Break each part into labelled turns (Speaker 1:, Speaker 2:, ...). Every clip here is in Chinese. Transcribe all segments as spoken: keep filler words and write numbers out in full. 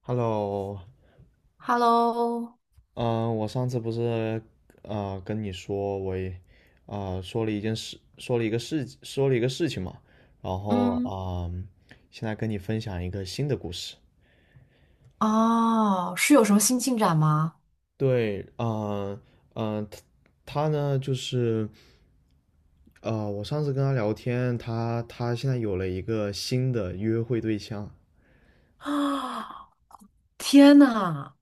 Speaker 1: Hello，
Speaker 2: Hello，
Speaker 1: 嗯、我上次不是呃跟你说我也呃说了一件事，说了一个事，说了一个事情嘛，然后
Speaker 2: 嗯，
Speaker 1: 啊、嗯现在跟你分享一个新的故事。
Speaker 2: 哦，是有什么新进展吗？
Speaker 1: 对，嗯、嗯、他他呢就是呃，我上次跟他聊天，他他现在有了一个新的约会对象，
Speaker 2: 啊，天呐，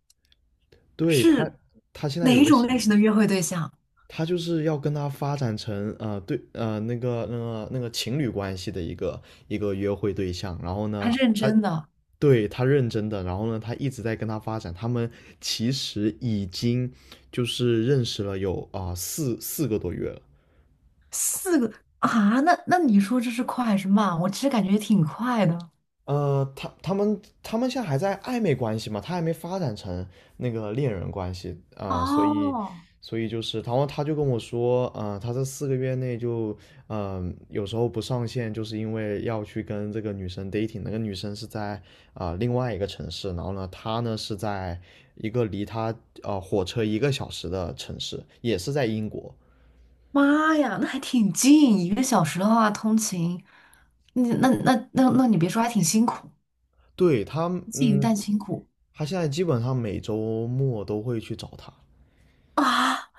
Speaker 1: 对他，
Speaker 2: 是
Speaker 1: 他现在
Speaker 2: 哪
Speaker 1: 有一
Speaker 2: 一
Speaker 1: 个
Speaker 2: 种
Speaker 1: 新，
Speaker 2: 类型的约会对象？
Speaker 1: 他就是要跟他发展成呃对呃那个那个那个情侣关系的一个一个约会对象，然后
Speaker 2: 他
Speaker 1: 呢，
Speaker 2: 认
Speaker 1: 他
Speaker 2: 真的，
Speaker 1: 对他认真的，然后呢，他一直在跟他发展，他们其实已经就是认识了有啊、四四个多月了。
Speaker 2: 四个啊？那那你说这是快还是慢？我其实感觉挺快的。
Speaker 1: 呃，他他们他们现在还在暧昧关系嘛，他还没发展成那个恋人关系啊、呃所以
Speaker 2: 哦，
Speaker 1: 所以就是，然后他就跟我说。呃，他这四个月内就，嗯、有时候不上线，就是因为要去跟这个女生 dating，那个女生是在啊、呃另外一个城市。然后呢，他呢是在一个离他呃火车一个小时的城市，也是在英国。
Speaker 2: 妈呀，那还挺近，一个小时的话通勤，你那那那那你别说，还挺辛苦，
Speaker 1: 对，他，
Speaker 2: 近
Speaker 1: 嗯，
Speaker 2: 但辛苦
Speaker 1: 他现在基本上每周末都会去找他。
Speaker 2: 啊，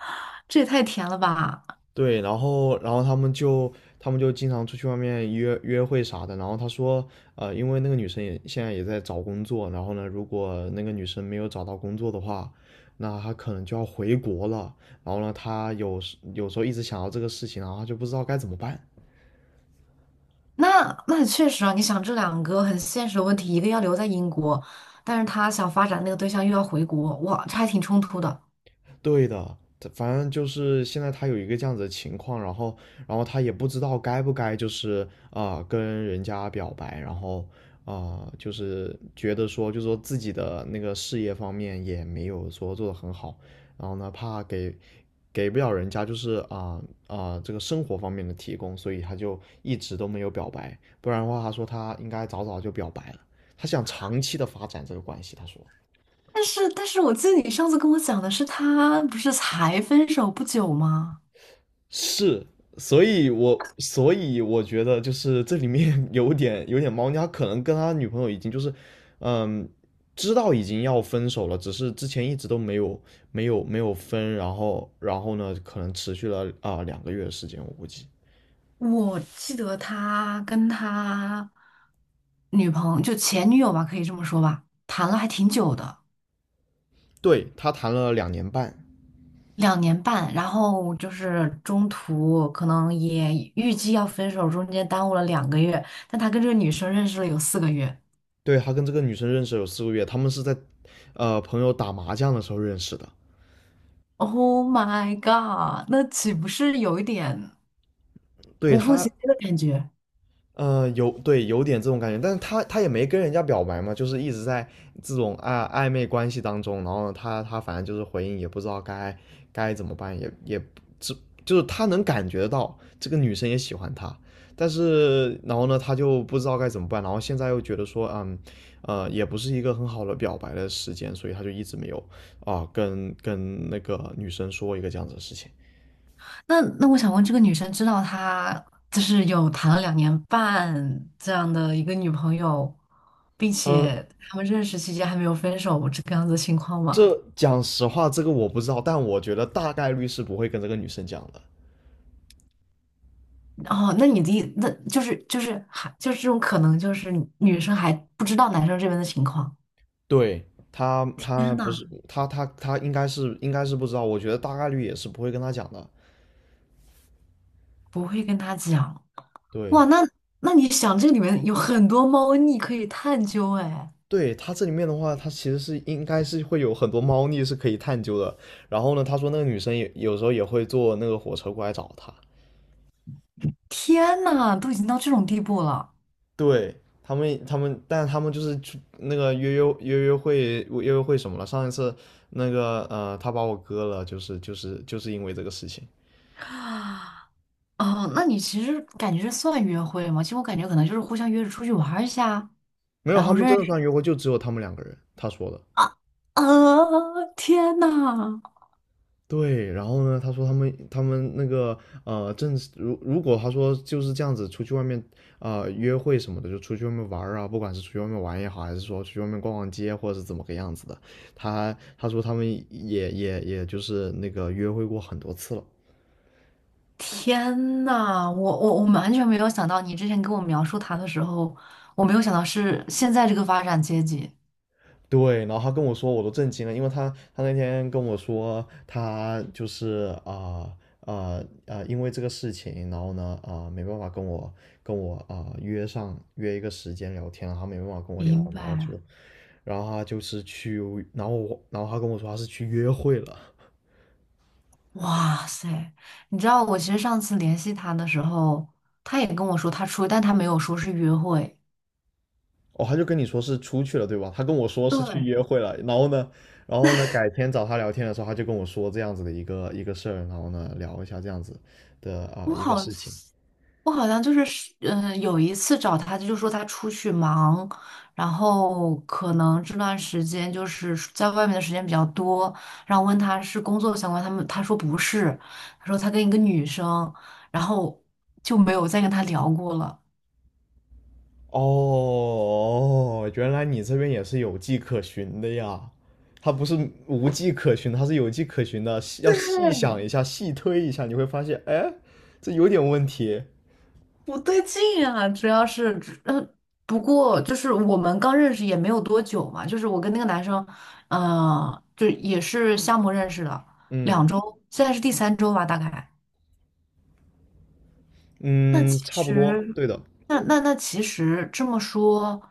Speaker 2: 这也太甜了吧！
Speaker 1: 对，然后然后他们就他们就经常出去外面约约会啥的。然后他说，呃，因为那个女生也现在也在找工作。然后呢，如果那个女生没有找到工作的话，那她可能就要回国了。然后呢，他有时有时候一直想到这个事情，然后她就不知道该怎么办。
Speaker 2: 那那确实啊，你想这两个很现实的问题，一个要留在英国，但是他想发展那个对象又要回国，哇，这还挺冲突的。
Speaker 1: 对的，这反正就是现在他有一个这样子的情况。然后，然后他也不知道该不该就是啊、呃跟人家表白，然后啊、呃就是觉得说，就是说自己的那个事业方面也没有说做得很好，然后呢怕给给不了人家就是啊啊、这个生活方面的提供，所以他就一直都没有表白。不然的话他说他应该早早就表白了，他想长期的发展这个关系，他说。
Speaker 2: 但是但是我记得你上次跟我讲的是他不是才分手不久吗？
Speaker 1: 是，所以我所以我觉得就是这里面 有点有点猫腻。他可能跟他女朋友已经就是，嗯，知道已经要分手了，只是之前一直都没有没有没有分。然后然后呢，可能持续了啊、呃两个月的时间，我估计。
Speaker 2: 我记得他跟他女朋友就前女友吧，可以这么说吧，谈了还挺久的，
Speaker 1: 对，他谈了两年半。
Speaker 2: 两年半，然后就是中途可能也预计要分手，中间耽误了两个月，但他跟这个女生认识了有四个月。
Speaker 1: 对，他跟这个女生认识有四个月，他们是在呃朋友打麻将的时候认识的。
Speaker 2: Oh my god，那岂不是有一点
Speaker 1: 对
Speaker 2: 无缝
Speaker 1: 他，
Speaker 2: 衔接的感觉？
Speaker 1: 嗯，有对有点这种感觉，但是他他也没跟人家表白嘛，就是一直在这种暧暧昧关系当中。然后呢他他反正就是回应也不知道该该怎么办，也也只就是他能感觉到这个女生也喜欢他，但是然后呢他就不知道该怎么办。然后现在又觉得说嗯呃也不是一个很好的表白的时间，所以他就一直没有啊、跟跟那个女生说一个这样子的事情。
Speaker 2: 那那我想问，这个女生知道她就是有谈了两年半这样的一个女朋友，并
Speaker 1: 嗯，
Speaker 2: 且他们认识期间还没有分手这个样子的情况吗？
Speaker 1: 这讲实话，这个我不知道，但我觉得大概率是不会跟这个女生讲的。
Speaker 2: 哦，那你的意那就是就是还就是这种可能，就是女生还不知道男生这边的情况。
Speaker 1: 对，他，他
Speaker 2: 天
Speaker 1: 不
Speaker 2: 呐，
Speaker 1: 是，他，他他应该是，应该是不知道。我觉得大概率也是不会跟他讲的。
Speaker 2: 不会跟他讲哇？
Speaker 1: 对，
Speaker 2: 那那你想，这里面有很多猫腻可以探究哎。
Speaker 1: 对，他这里面的话，他其实是应该是会有很多猫腻是可以探究的。然后呢，他说那个女生也有时候也会坐那个火车过来找他。
Speaker 2: 天呐，都已经到这种地步了。
Speaker 1: 对。他们他们，但他们就是去那个约约约约会约约会什么了？上一次那个呃，他把我割了，就是就是就是因为这个事情。
Speaker 2: 哦，那你其实感觉这算约会吗？其实我感觉可能就是互相约着出去玩儿一下，
Speaker 1: 没有，
Speaker 2: 然
Speaker 1: 他
Speaker 2: 后
Speaker 1: 们
Speaker 2: 认
Speaker 1: 真的
Speaker 2: 识
Speaker 1: 算约会，就只有他们两个人。他说的，
Speaker 2: 啊啊！天呐，
Speaker 1: 对。然后呢，他说他们他们那个呃，正是如如果他说就是这样子，出去外面啊、呃约会什么的，就出去外面玩儿啊，不管是出去外面玩也好，还是说出去外面逛逛街，或者是怎么个样子的，他他说他们也也也就是那个约会过很多次了。
Speaker 2: 天呐，我我我们完全没有想到，你之前跟我描述他的时候，我没有想到是现在这个发展阶级。
Speaker 1: 对，然后他跟我说，我都震惊了。因为他他那天跟我说，他就是啊啊啊，因为这个事情，然后呢啊、没办法跟我跟我啊、约上约一个时间聊天，然后他没办法跟我聊，
Speaker 2: 明
Speaker 1: 然后
Speaker 2: 白。
Speaker 1: 就然后他就是去。然后我然后他跟我说他是去约会了。
Speaker 2: 哇塞，你知道我其实上次联系他的时候，他也跟我说他出，但他没有说是约会。
Speaker 1: 哦，他就跟你说是出去了对吧？他跟我说是去约
Speaker 2: 对，
Speaker 1: 会了。然后呢然后呢改天找他聊天的时候，他就跟我说这样子的一个一个事儿，然后呢聊一下这样子的啊、
Speaker 2: 我
Speaker 1: 一个
Speaker 2: 好，
Speaker 1: 事情。
Speaker 2: 我好像就是，嗯、有一次找他，他就说他出去忙，然后可能这段时间就是在外面的时间比较多，然后问他是工作相关，他们他说不是，他说他跟一个女生，然后就没有再跟他聊过了。
Speaker 1: 哦，哦哦哦哦原来你这边也是有迹可循的呀。他不是无迹可循，他是有迹可循的。细要细 想
Speaker 2: 对，
Speaker 1: 一下，细推一下，你会发现，哎，这有点问题。
Speaker 2: 不对劲啊，主要是，嗯，不过就是我们刚认识也没有多久嘛，就是我跟那个男生，嗯、就也是项目认识的，
Speaker 1: 嗯
Speaker 2: 两周，现在是第三周吧，大概。那
Speaker 1: 嗯，
Speaker 2: 其
Speaker 1: 差不多，
Speaker 2: 实，
Speaker 1: 对的。
Speaker 2: 那那那其实这么说，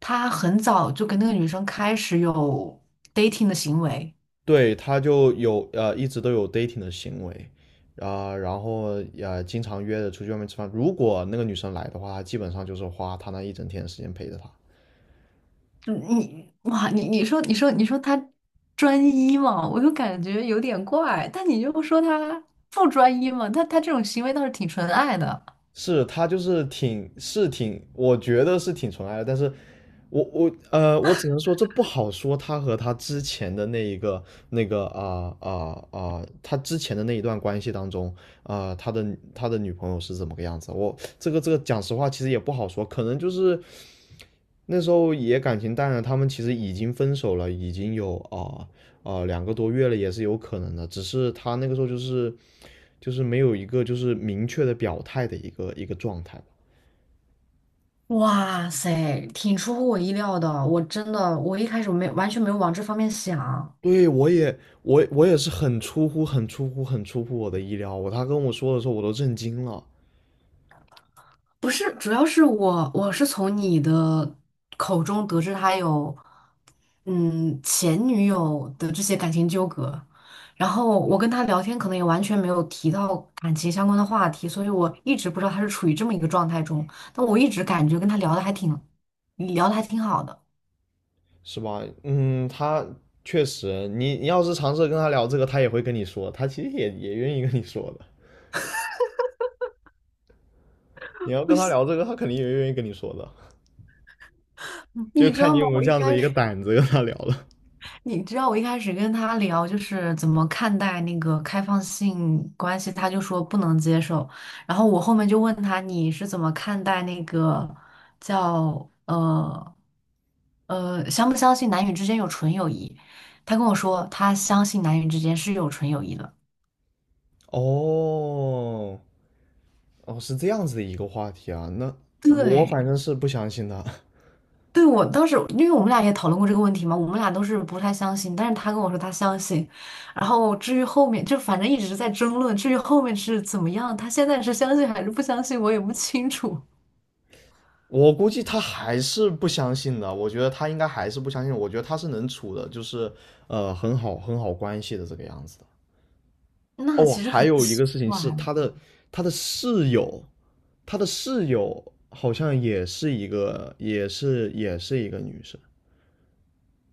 Speaker 2: 他很早就跟那个女生开始有 dating 的行为。
Speaker 1: 对，他就有呃一直都有 dating 的行为，啊、然后呃经常约着出去外面吃饭。如果那个女生来的话，基本上就是花他那一整天的时间陪着她。
Speaker 2: 嗯你哇，你你说你说你说他专一嘛，我就感觉有点怪，但你又说他不专一嘛，他他这种行为倒是挺纯爱的。
Speaker 1: 是他就是挺是挺，我觉得是挺纯爱的。但是我我呃，我只能说这不好说。他和他之前的那一个那个啊啊啊，他之前的那一段关系当中啊，他的他的女朋友是怎么个样子？我这个这个讲实话，其实也不好说。可能就是那时候也感情淡了，他们其实已经分手了，已经有啊啊两个多月了，也是有可能的。只是他那个时候就是就是没有一个就是明确的表态的一个一个状态。
Speaker 2: 哇塞，挺出乎我意料的。我真的，我一开始没完全没有往这方面想。
Speaker 1: 对，我也，我我也是很出乎、很出乎、很出乎我的意料。我他跟我说的时候，我都震惊了，
Speaker 2: 不是，主要是我我是从你的口中得知他有嗯前女友的这些感情纠葛，然后我跟他聊天可能也完全没有提到感情相关的话题，所以我一直不知道他是处于这么一个状态中，但我一直感觉跟他聊的还挺聊的还挺好的。
Speaker 1: 是吧？嗯，他确实。你你要是尝试跟他聊这个，他也会跟你说，他其实也也愿意跟你说的。你要
Speaker 2: 不
Speaker 1: 跟他
Speaker 2: 是，
Speaker 1: 聊这个，他肯定也愿意跟你说的，就
Speaker 2: 你知
Speaker 1: 看
Speaker 2: 道
Speaker 1: 你有
Speaker 2: 吗？
Speaker 1: 没有
Speaker 2: 我
Speaker 1: 这
Speaker 2: 一
Speaker 1: 样子
Speaker 2: 开
Speaker 1: 一个
Speaker 2: 始。
Speaker 1: 胆子跟他聊了。
Speaker 2: 你知道我一开始跟他聊就是怎么看待那个开放性关系，他就说不能接受。然后我后面就问他你是怎么看待那个叫呃呃相不相信男女之间有纯友谊？他跟我说他相信男女之间是有纯友谊的。
Speaker 1: 哦，哦，是这样子的一个话题啊，那我
Speaker 2: 对，
Speaker 1: 反正是不相信的。
Speaker 2: 对，我当时，因为我们俩也讨论过这个问题嘛，我们俩都是不太相信，但是他跟我说他相信，然后至于后面就反正一直在争论，至于后面是怎么样，他现在是相信还是不相信，我也不清楚。
Speaker 1: 我估计他还是不相信的，我觉得他应该还是不相信，我觉得他是能处的，就是呃很好很好关系的这个样子的。
Speaker 2: 那
Speaker 1: 哦，
Speaker 2: 其实
Speaker 1: 还
Speaker 2: 很
Speaker 1: 有一
Speaker 2: 奇
Speaker 1: 个事情
Speaker 2: 怪
Speaker 1: 是他
Speaker 2: 哦，
Speaker 1: 的他的室友，他的室友好像也是一个也是也是一个女生。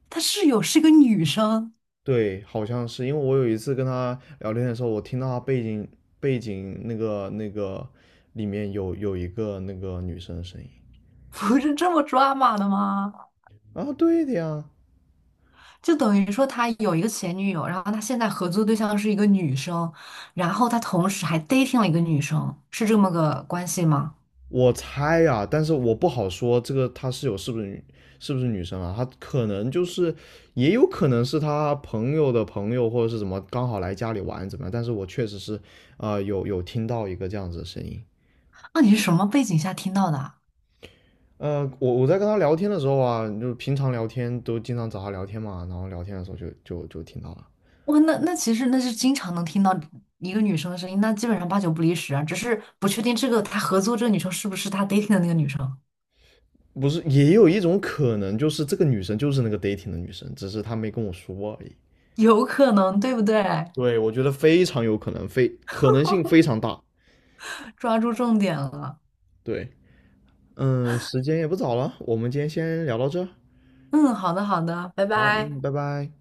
Speaker 2: 他室友是个女生，
Speaker 1: 对，好像是因为我有一次跟他聊天的时候，我听到他背景背景那个那个里面有有一个那个女生的声音
Speaker 2: 不是这么抓马的吗？
Speaker 1: 啊，对的呀。
Speaker 2: 就等于说他有一个前女友，然后他现在合作对象是一个女生，然后他同时还 dating 了一个女生，是这么个关系吗？
Speaker 1: 我猜啊，但是我不好说这个她室友是不是女是不是女生啊？她可能就是，也有可能是她朋友的朋友或者是怎么刚好来家里玩怎么样？但是我确实是，呃，有有听到一个这样子的声音。
Speaker 2: 那你是什么背景下听到的啊
Speaker 1: 呃，我我在跟她聊天的时候啊，就平常聊天都经常找她聊天嘛，然后聊天的时候就就就听到了。
Speaker 2: 哇，那那其实那是经常能听到一个女生的声音，那基本上八九不离十啊，只是不确定这个他合作这个女生是不是他 dating 的那个女生，
Speaker 1: 不是，也有一种可能就是这个女生就是那个 dating 的女生，只是她没跟我说而已。
Speaker 2: 有可能，对不对？
Speaker 1: 对，我觉得非常有可能，非可能性非常大。
Speaker 2: 抓住重点了。
Speaker 1: 对。嗯，时间也不早了，我们今天先聊到这儿。
Speaker 2: 嗯，好的好的，拜
Speaker 1: 好，
Speaker 2: 拜。
Speaker 1: 嗯，拜拜。